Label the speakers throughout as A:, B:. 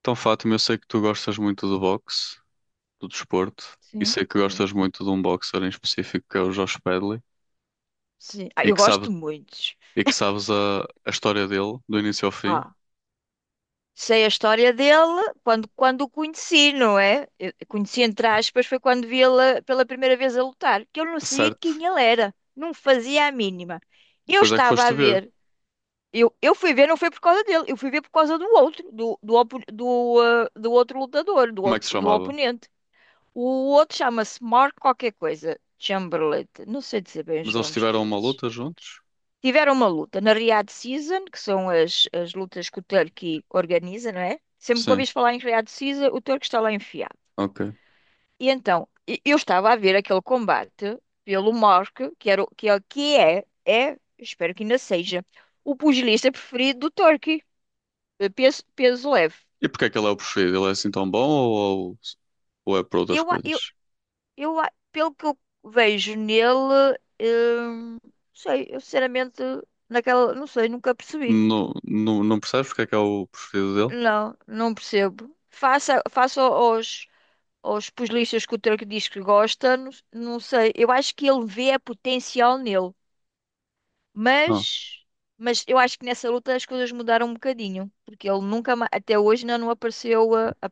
A: Então, Fátima, eu sei que tu gostas muito do boxe, do desporto, e
B: Sim,
A: sei que
B: sim.
A: gostas muito de um boxer em específico que é o Josh Pedley,
B: Sim. Ah,
A: e
B: eu
A: que sabe,
B: gosto muito.
A: e que sabes a história dele, do início ao fim,
B: Ah, sei a história dele quando o conheci, não é? Eu conheci, entre aspas, foi quando vi ele pela primeira vez a lutar, que eu não sabia
A: certo?
B: quem ele era, não fazia a mínima. Eu
A: Depois é que
B: estava
A: foste
B: a
A: ver
B: ver, eu fui ver, não foi por causa dele, eu fui ver por causa do outro, do outro lutador,
A: como é que se
B: do
A: chamava.
B: oponente. O outro chama-se Mark qualquer coisa, Chamberlain, não sei dizer bem
A: Mas
B: os
A: eles
B: nomes
A: tiveram uma
B: deles.
A: luta juntos?
B: Tiveram uma luta na Riyadh Season, que são as lutas que o Turki organiza, não é? Sempre que
A: Sim,
B: ouvis falar em Riyadh Season, o Turki está lá enfiado.
A: ok.
B: Então, eu estava a ver aquele combate pelo Mork, que, era, o- que é, é, espero que ainda seja, o pugilista preferido do Turki, peso, peso leve.
A: E porque é que ele é o preferido? Ele é assim tão bom ou, ou é por outras
B: Eu, a- eu,
A: coisas?
B: eu, a- pelo que eu vejo nele, não sei, eu sinceramente, não sei, nunca percebi.
A: Não, não, não percebes porque é que é o preferido dele?
B: Não, não percebo. Faça aos, aos pugilistas que o Turco diz que gosta, não sei. Eu acho que ele vê a potencial nele,
A: Não.
B: mas, mas eu acho que nessa luta as coisas mudaram um bocadinho, porque ele nunca, até hoje ainda não apareceu, a- a-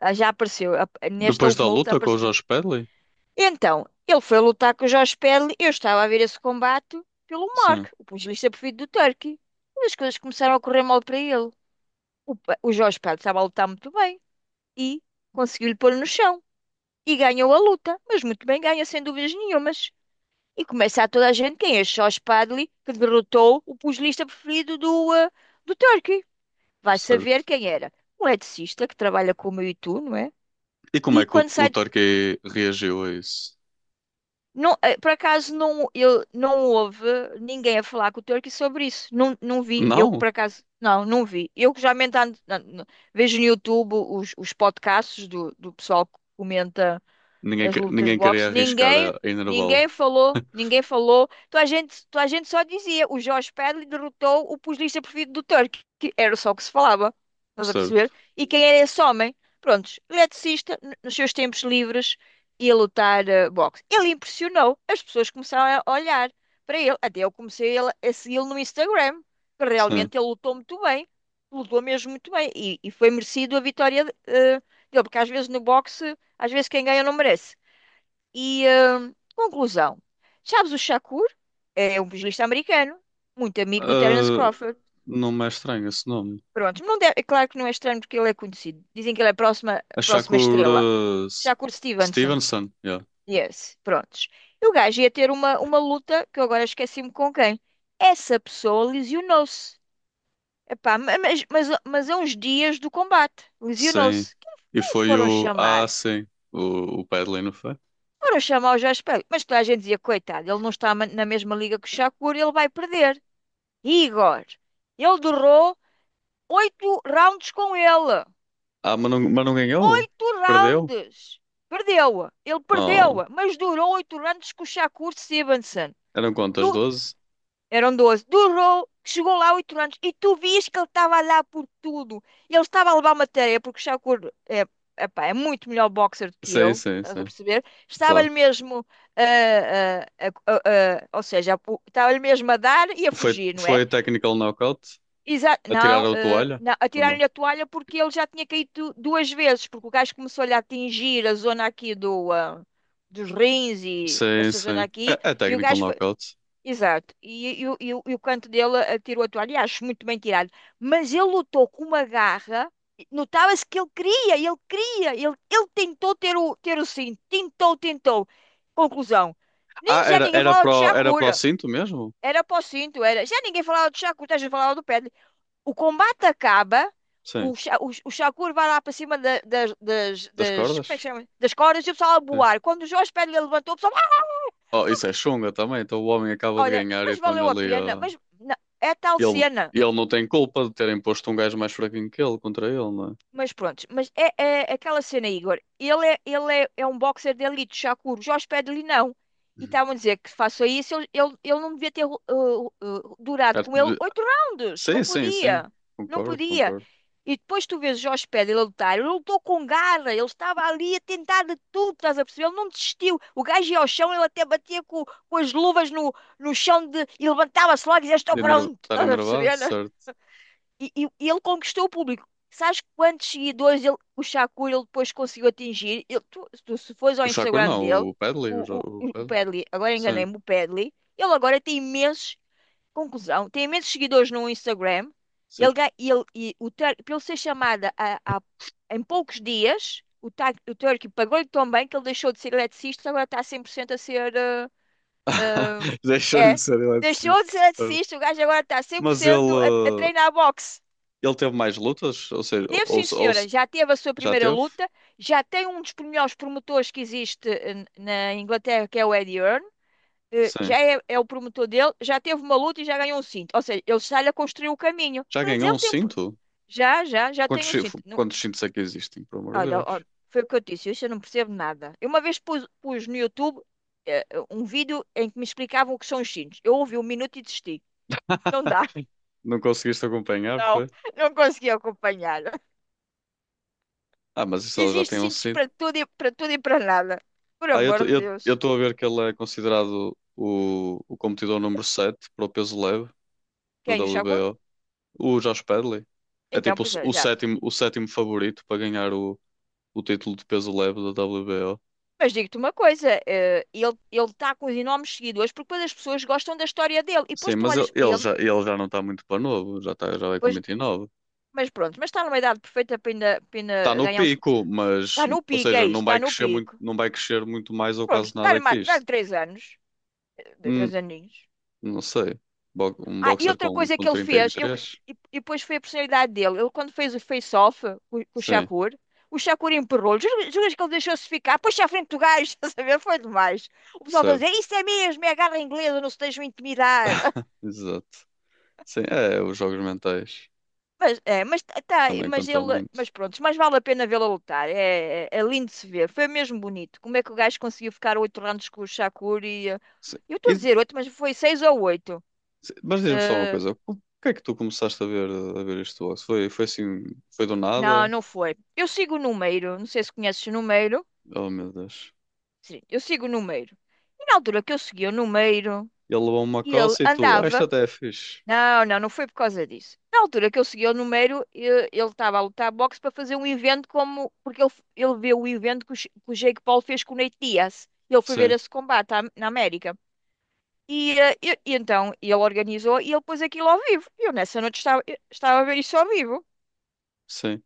B: a- já apareceu, nesta
A: Depois da
B: última luta
A: luta com o
B: apareceu.
A: Josh Pedley?
B: Então, ele foi lutar com o Josh Pedley, eu estava a ver esse combate pelo Mark,
A: Sim,
B: o pugilista preferido do Turco, mas as coisas começaram a correr mal para ele. O Jorge Pedro estava a lutar muito bem. E conseguiu-lhe pôr no chão. E ganhou a luta, mas muito bem ganha, sem dúvidas nenhumas. E começa a toda a gente quem é Charles Padley, que derrotou o pugilista preferido do Turkey. Vai
A: certo.
B: saber quem era. Um eletricista que trabalha como eu e tu, não é?
A: E como
B: E
A: é que
B: quando
A: o
B: sai.
A: Torquay reagiu a isso?
B: Não, por acaso não, eu, não houve ninguém a falar com o Turkey sobre isso. Não, não vi. Eu por
A: Não,
B: acaso. Não, não vi. Eu que já ando, vejo no YouTube os podcasts do pessoal que comenta
A: ninguém,
B: as lutas de
A: ninguém queria
B: boxe,
A: arriscar
B: ninguém,
A: a enervá-lo.
B: ninguém falou. Então a gente só dizia, o Jorge Padley derrotou o pugilista preferido do Turk, que era só o que se falava, estás a perceber?
A: Certo,
B: E quem era esse homem? Prontos, eletricista, nos seus tempos livres, ia lutar boxe. Ele impressionou, as pessoas começaram a olhar para ele, até eu comecei a segui-lo no Instagram, que
A: sim.
B: realmente ele lutou muito bem, lutou mesmo muito bem, e foi merecido a vitória dele, porque às vezes no boxe, às vezes quem ganha não merece. E, conclusão. Sabes o Shakur? É um pugilista americano, muito amigo do Terence
A: Ah,
B: Crawford.
A: não me é estranho esse nome.
B: Pronto, não deve- é claro que não é estranho porque ele é conhecido. Dizem que ele é a
A: A
B: próxima
A: Shakur,
B: estrela. Shakur Stevenson.
A: Stevenson, yeah.
B: Yes, prontos. E o gajo ia ter uma luta, que eu agora esqueci-me com quem. Essa pessoa lesionou-se. Epá, mas a uns dias do combate,
A: Sim.
B: lesionou-se.
A: E
B: Quem
A: foi
B: foram
A: o. Ah,
B: chamar?
A: sim. O Padley, não foi?
B: Foram chamar o Jorge Peele. Mas toda a gente dizia, coitado, ele não está na mesma liga que o Shakur, ele vai perder. Igor, ele durou 8 rounds com ele.
A: Ah, mas não ganhou?
B: Oito
A: Perdeu?
B: rounds! Perdeu-a. Ele
A: Oh,
B: perdeu-a. Mas durou 8 rounds com o Shakur Stevenson.
A: eram quantas?
B: Du-
A: 12?
B: Eram 12. Durou, chegou lá 8 rounds. E tu vias que ele estava a dar por tudo. Ele estava a levar uma tareia, porque o Shakur é, epá, é muito melhor boxer do que
A: Sim,
B: eu.
A: sim,
B: Estás a
A: sim.
B: perceber? Estava-lhe
A: Claro.
B: mesmo, ou seja, estava-lhe mesmo a dar e a
A: Foi,
B: fugir, não
A: foi
B: é?
A: a technical knockout?
B: Exa não,
A: Atiraram a
B: eh,
A: toalha?
B: não,
A: Ou não?
B: atiraram-lhe a toalha porque ele já tinha caído duas vezes, porque o gajo começou-lhe a atingir a zona aqui dos rins e
A: Sim,
B: essa zona
A: sim.
B: aqui,
A: É, é
B: e o
A: technical
B: gajo foi.
A: knockout.
B: Exato, e o canto dele atirou a toalha, e acho muito bem tirado. Mas ele lutou com uma garra, e notava-se que ele queria, ele queria, ele tentou ter ter o cinto, tentou, tentou. Conclusão:
A: Ah,
B: nem já
A: era,
B: ninguém falava de
A: era para o
B: Shakura,
A: cinto mesmo?
B: era para o cinto, era. Já ninguém falava de Shakura, já falava do pé o combate acaba,
A: Sim.
B: o Shakur vai lá para cima
A: Das
B: das, como é que
A: cordas?
B: chama? Das cordas e o pessoal a
A: É.
B: boar. Quando o Jorge Padilha levantou, o pessoal, "Ah,
A: Oh, isso é chunga também. Então o homem acaba de
B: olha,
A: ganhar e
B: mas
A: estão-lhe
B: valeu a
A: ali
B: pena,
A: a.
B: mas não, é tal
A: Ele,
B: cena.
A: ele não tem culpa de terem posto um gajo mais fraquinho que ele contra ele, não é?
B: Mas pronto, mas é, é aquela cena, Igor. É um boxer de elite, Shakur. Jorge Pedro-lhe não. E
A: Hum.
B: estavam a dizer que faça isso, ele não devia ter durado
A: Arte
B: com ele
A: de-
B: oito rounds.
A: Sim,
B: Não
A: sim, sim.
B: podia. Não
A: Concordo,
B: podia.
A: concordo.
B: E depois tu vês o Jorge Pedro ele a lutar. Ele lutou com garra. Ele estava ali a tentar de tudo, estás a perceber? Ele não desistiu. O gajo ia ao chão, ele até batia com as luvas no, no chão de, e levantava-se logo e dizia: Estou pronto,
A: Estar
B: estás a
A: enervado,
B: perceber?
A: certo.
B: E ele conquistou o público. Sabes quantos seguidores ele, o Shakur ele depois conseguiu atingir? Se fores ao
A: O Shakur
B: Instagram
A: não,
B: dele,
A: o Padley,
B: o, o,
A: o
B: o
A: Padley.
B: Padley, agora
A: Sim,
B: enganei-me, o Padley, ele agora tem imensos, conclusão, tem imensos seguidores no Instagram.
A: sim.
B: Ele, ga- ele, e o, Tur- para ele ser chamada em poucos dias, o Turkey pagou-lhe tão bem que ele deixou de ser eletricista, agora está 100% a ser.
A: Deixou-lhe
B: Eh,
A: de
B: é,
A: ser
B: deixou
A: eletricista,
B: de ser
A: certo.
B: eletricista, o gajo agora está
A: Mas
B: 100% a
A: ele.
B: treinar boxe.
A: Ele teve mais lutas? Ou seja,
B: Teve, sim, senhora. Já teve a sua
A: já
B: primeira
A: teve?
B: luta. Já tem um dos melhores promotores que existe na Inglaterra, que é o Eddie Earn.
A: Sim.
B: Já é o promotor dele. Já teve uma luta e já ganhou um cinto. Ou seja, ele está-lhe a construir o caminho.
A: Já
B: Mas
A: ganhou um
B: ele tem...
A: cinto?
B: Já
A: Quantos,
B: tem um
A: chi-
B: cinto. Não.
A: quantos cintos é que existem, pelo amor de
B: Olha, ó,
A: Deus?
B: foi o que eu disse. Isso eu não percebo nada. Eu uma vez pus no YouTube eh, um vídeo em que me explicavam o que são os cintos. Eu ouvi um minuto e desisti. Não dá.
A: Não conseguiste acompanhar,
B: Não,
A: foi?
B: não consegui acompanhar.
A: Ah, mas isso ela já
B: Existe
A: tem um
B: sítios
A: cinto.
B: para tudo e para tudo e para nada. Por amor de Deus.
A: Eu tô a ver que ele é considerado o competidor número 7 para o peso leve da
B: Quem o Shakur?
A: WBO. O Josh Pedley. É
B: Então,
A: tipo
B: pois é, exato.
A: o sétimo favorito para ganhar o título de peso leve da WBO.
B: Mas digo-te uma coisa, ele está com os enormes seguidores porque depois as pessoas gostam da história dele. E depois
A: Sim,
B: tu
A: mas ele,
B: olhas para ele,
A: ele já não está muito para novo, já, tá, já vai com
B: pois,
A: 29.
B: mas pronto, mas está numa idade perfeita para ainda
A: Está no
B: ganhar uns.
A: pico, mas,
B: Está no
A: ou
B: pico, é
A: seja,
B: isso,
A: não
B: está
A: vai
B: no
A: crescer muito,
B: pico.
A: não vai crescer muito mais ou
B: Pronto,
A: quase nada que
B: dá-lhe
A: isto.
B: 3 anos, três
A: Hum,
B: aninhos.
A: não sei. Um
B: Ah, e
A: boxer
B: outra coisa
A: com
B: que ele fez, eu,
A: 33?
B: e depois foi a personalidade dele. Ele, quando fez o face-off com
A: Sim,
B: O Shakur empurrou-lhe. Juras que ele deixou-se ficar? Puxa à frente do gajo, estás a ver? Foi demais. O pessoal está a dizer:
A: certo.
B: Isso é mesmo, é a garra inglesa, não se deixam intimidar.
A: Exato. Sim, é, os jogos mentais também contam muito.
B: Mas vale a pena vê-lo a lutar. É, é lindo de se ver. Foi mesmo bonito. Como é que o gajo conseguiu ficar 8 rounds com o Shakur e.
A: Sim.
B: Eu estou a
A: E-
B: dizer oito, mas foi seis ou oito.
A: mas diz-me só uma
B: Eh,
A: coisa, o que é que tu começaste a ver isto boxe? Foi, foi assim, foi do
B: não,
A: nada?
B: não foi. Eu sigo o Numeiro, não sei se conheces o Numeiro.
A: Oh meu Deus.
B: Sim, eu sigo o Numeiro. E na altura que eu segui o Numeiro,
A: Ele levou uma
B: ele
A: coça e tu, ah, isto
B: andava.
A: até é fixe.
B: Não, não, não foi por causa disso. Na altura que eu segui o Numeiro, ele estava a lutar boxe para fazer um evento como. Porque ele, ele viu o evento que o, que o Jake Paul fez com o Nate Diaz. Ele foi ver
A: Sim,
B: esse combate na América. E, e então ele organizou e ele pôs aquilo ao vivo. Eu nessa noite estava, eu estava a ver isso ao vivo.
A: sim.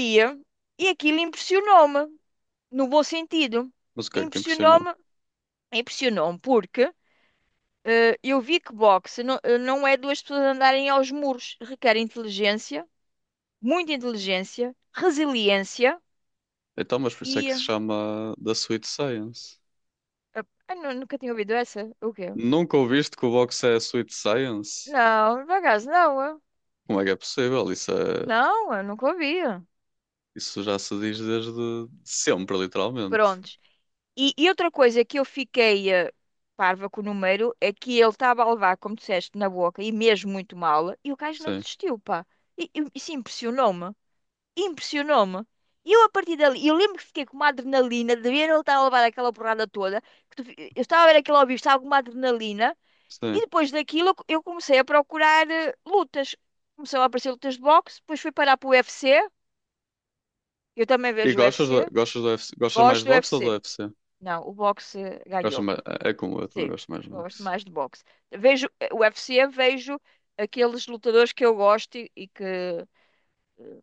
B: E, eh, e aquilo impressionou-me, no bom sentido.
A: Mas o que é que te impressionou?
B: Impressionou-me, impressionou-me porque eu vi que boxe não, não é duas pessoas andarem aos muros, requer inteligência, muita inteligência, resiliência
A: Então, mas por isso é que se
B: e.
A: chama da Sweet Science.
B: eh, nunca tinha ouvido essa? O quê?
A: Nunca ouviste que o boxe é Sweet Science?
B: Não, por acaso não,
A: Como é que é possível? Isso é,
B: não, eu nunca ouvia
A: isso já se diz desde sempre, literalmente.
B: Prontos. E outra coisa que eu fiquei parva com o número é que ele estava a levar, como disseste, na boca e mesmo muito mal, e o gajo não
A: Sim,
B: desistiu, pá. E isso impressionou-me. Impressionou-me. E eu a partir dali, eu lembro que fiquei com uma adrenalina de ver ele estar a levar aquela porrada toda, eu estava a ver aquele ao vivo, estava com uma adrenalina, e
A: sim.
B: depois daquilo eu comecei a procurar lutas. Começou a aparecer lutas de boxe, depois fui parar para o UFC, eu também
A: E
B: vejo o UFC,
A: gostas do UFC? Gostas mais
B: gosto
A: de
B: do
A: boxe ou do
B: UFC.
A: UFC?
B: Não, o boxe
A: Gostas
B: ganhou-me.
A: mais, é como eu, também
B: Sim,
A: gosto mais de
B: gosto
A: boxe.
B: mais de boxe. Vejo o UFC, vejo aqueles lutadores que eu gosto e que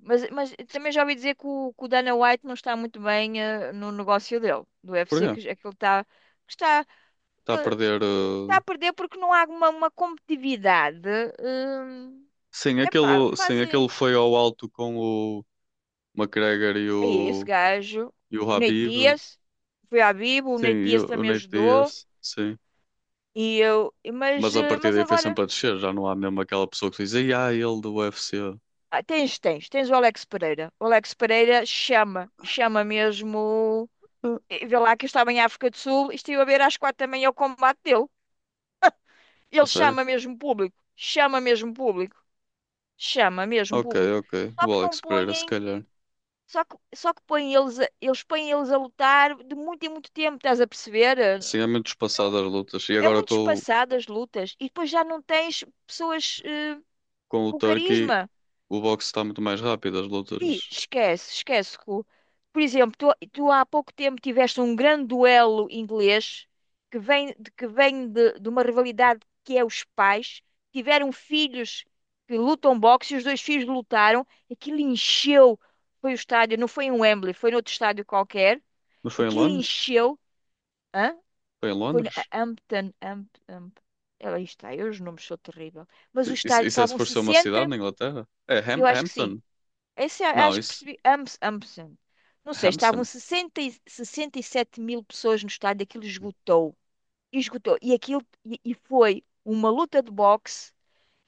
B: Mas também já ouvi dizer que o Dana White não está muito bem no negócio dele, do UFC,
A: Porquê?
B: é que ele está,
A: Está
B: que
A: a
B: ele
A: perder.
B: está a perder porque não há uma competitividade. Hum, epá,
A: Sim, aquele
B: fazem.
A: foi ao alto com o McGregor
B: Aí, esse gajo,
A: e o
B: o Nate
A: Habib.
B: Diaz, foi à Bibo, o
A: Sim,
B: Nate
A: e
B: Diaz
A: o
B: também
A: Nate
B: ajudou,
A: Diaz. Sim.
B: e eu, e- mas,
A: Mas a
B: eh,
A: partir
B: mas
A: daí foi
B: agora.
A: sempre a descer, já não há mesmo aquela pessoa que diz, "Ei, ah, ele do UFC."
B: Ah, tens o Alex Pereira. O Alex Pereira chama mesmo.
A: Ah,
B: E vê lá que eu estava em África do Sul e estive a ver às quatro também é o combate dele.
A: a
B: Ele
A: sério?
B: chama mesmo público, chama mesmo público, chama mesmo
A: Ok,
B: público.
A: ok.
B: Só que
A: O
B: não
A: Alex Pereira, se
B: põem,
A: calhar.
B: só que põem eles, eles põem eles a lutar de muito em muito tempo, estás a perceber?
A: Sim, é muito espaçado as lutas. E
B: É
A: agora
B: muito espaçado as lutas e depois já não tens pessoas
A: com o
B: com
A: Turkey,
B: carisma.
A: o boxe está muito mais rápido, as
B: Pi,
A: lutas.
B: esquece. Ru. Por exemplo, tu há pouco tempo tiveste um grande duelo inglês que vem, que vem de uma rivalidade que é os pais. Tiveram filhos que lutam boxe e os dois filhos lutaram. Aquilo encheu. Foi o estádio, não foi em Wembley, foi noutro estádio qualquer.
A: Mas foi em
B: Aquilo
A: Londres?
B: encheu. Hã?
A: Foi em
B: Foi no
A: Londres?
B: Hampton. Hamp. Ela está, eu os nomes sou terrível. Mas o
A: Isso,
B: estádio,
A: isso é
B: estavam
A: suposto ser uma cidade
B: sessenta,
A: na Inglaterra? É
B: eu acho que sim.
A: Hampton? Não,
B: Acho que
A: isso.
B: percebi. Ambos. Não sei, estavam
A: Hampson?
B: 60, 67 mil pessoas no estádio, aquilo esgotou. Esgotou. E aquilo e foi uma luta de boxe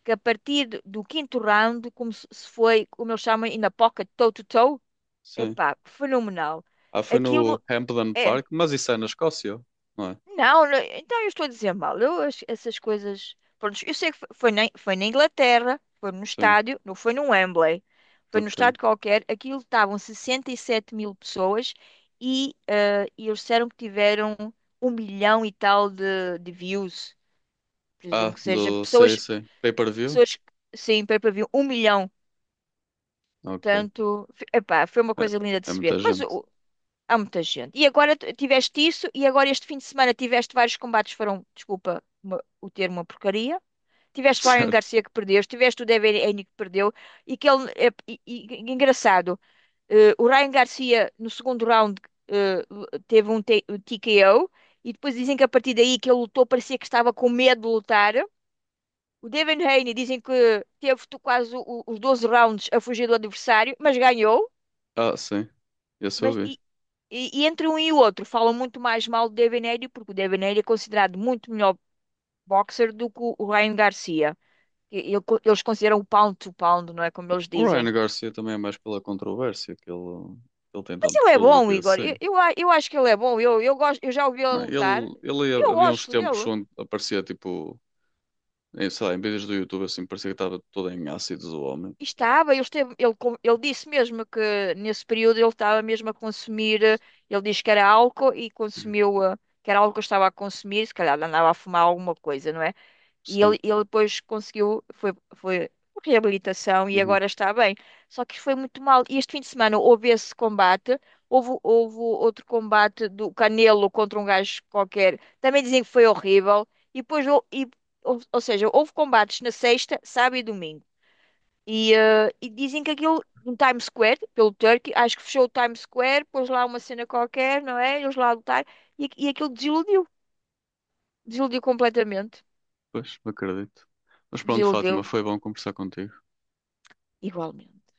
B: que a partir do 5º round, como se foi, como eles chamam, in a pocket, toe-to-toe,
A: Sim.
B: epá, fenomenal.
A: Ah, foi
B: Aquilo
A: no Hampden
B: é.
A: Park, mas isso é na Escócia, não é?
B: Não, não, então eu estou a dizer mal. Eu essas coisas. Pronto, eu sei que foi na Inglaterra, foi no
A: Sim,
B: estádio, não foi no Wembley, foi no
A: ok.
B: estádio qualquer. Aquilo estavam 67 mil pessoas e eles disseram que tiveram um milhão e tal de views.
A: Ah,
B: Presumo que seja
A: do. Sei,
B: pessoas,
A: sei. Pay-per-view?
B: pessoas, sim, pay-per-view, um milhão.
A: Ok.
B: Portanto, epá, foi uma
A: É,
B: coisa linda de
A: é
B: se
A: muita
B: ver. Mas
A: gente.
B: o há muita gente. E agora tiveste isso, e agora este fim de semana tiveste vários combates, foram, desculpa o termo, é uma porcaria. Tiveste o Ryan
A: Certo.
B: Garcia que perdeu, tiveste o Devin Haney que perdeu, e que ele, engraçado, o Ryan Garcia no segundo round eh, teve um um TKO, e depois dizem que a partir daí que ele lutou, parecia que estava com medo de lutar. O Devin Haney dizem que teve quase os 12 rounds a fugir do adversário, mas ganhou.
A: Ah, sim. Esse eu
B: Mas,
A: vi.
B: e, e entre um e o outro, falam muito mais mal do Devaney, porque o Devaney é considerado muito melhor boxer do que o Ryan Garcia. E- e- Eles consideram o pound to pound, não é como eles
A: O
B: dizem.
A: Ryan Garcia também é mais pela controvérsia que ele tem
B: Mas
A: tanto
B: ele é
A: público
B: bom,
A: e
B: Igor.
A: assim.
B: Eu acho que ele é bom. Gosto, eu já ouvi ele
A: Não,
B: lutar.
A: ele,
B: Eu
A: havia uns
B: gosto
A: tempos
B: dele.
A: onde aparecia tipo, em, sei lá, em vídeos do YouTube assim, parecia que estava todo em ácidos o homem.
B: E estava, esteve, ele disse mesmo que nesse período ele estava mesmo a consumir. Ele disse que era álcool e consumiu, que era álcool que estava a consumir. Se calhar andava a fumar alguma coisa, não é? E ele,
A: Certo.
B: ele depois conseguiu, foi reabilitação e
A: Uhum.
B: agora está bem. Só que foi muito mal. E este fim de semana houve esse combate, houve, houve outro combate do Canelo contra um gajo qualquer. Também dizem que foi horrível. E depois, ou seja, houve combates na sexta, sábado e domingo. E, e dizem que aquilo no Times Square, pelo Turkey, acho que fechou o Times Square, pôs lá uma cena qualquer, não é? Eles lá a lutar, e aquilo desiludiu, desiludiu completamente,
A: Pois, acredito. Mas pronto, Fátima,
B: desiludiu
A: foi bom conversar contigo.
B: igualmente.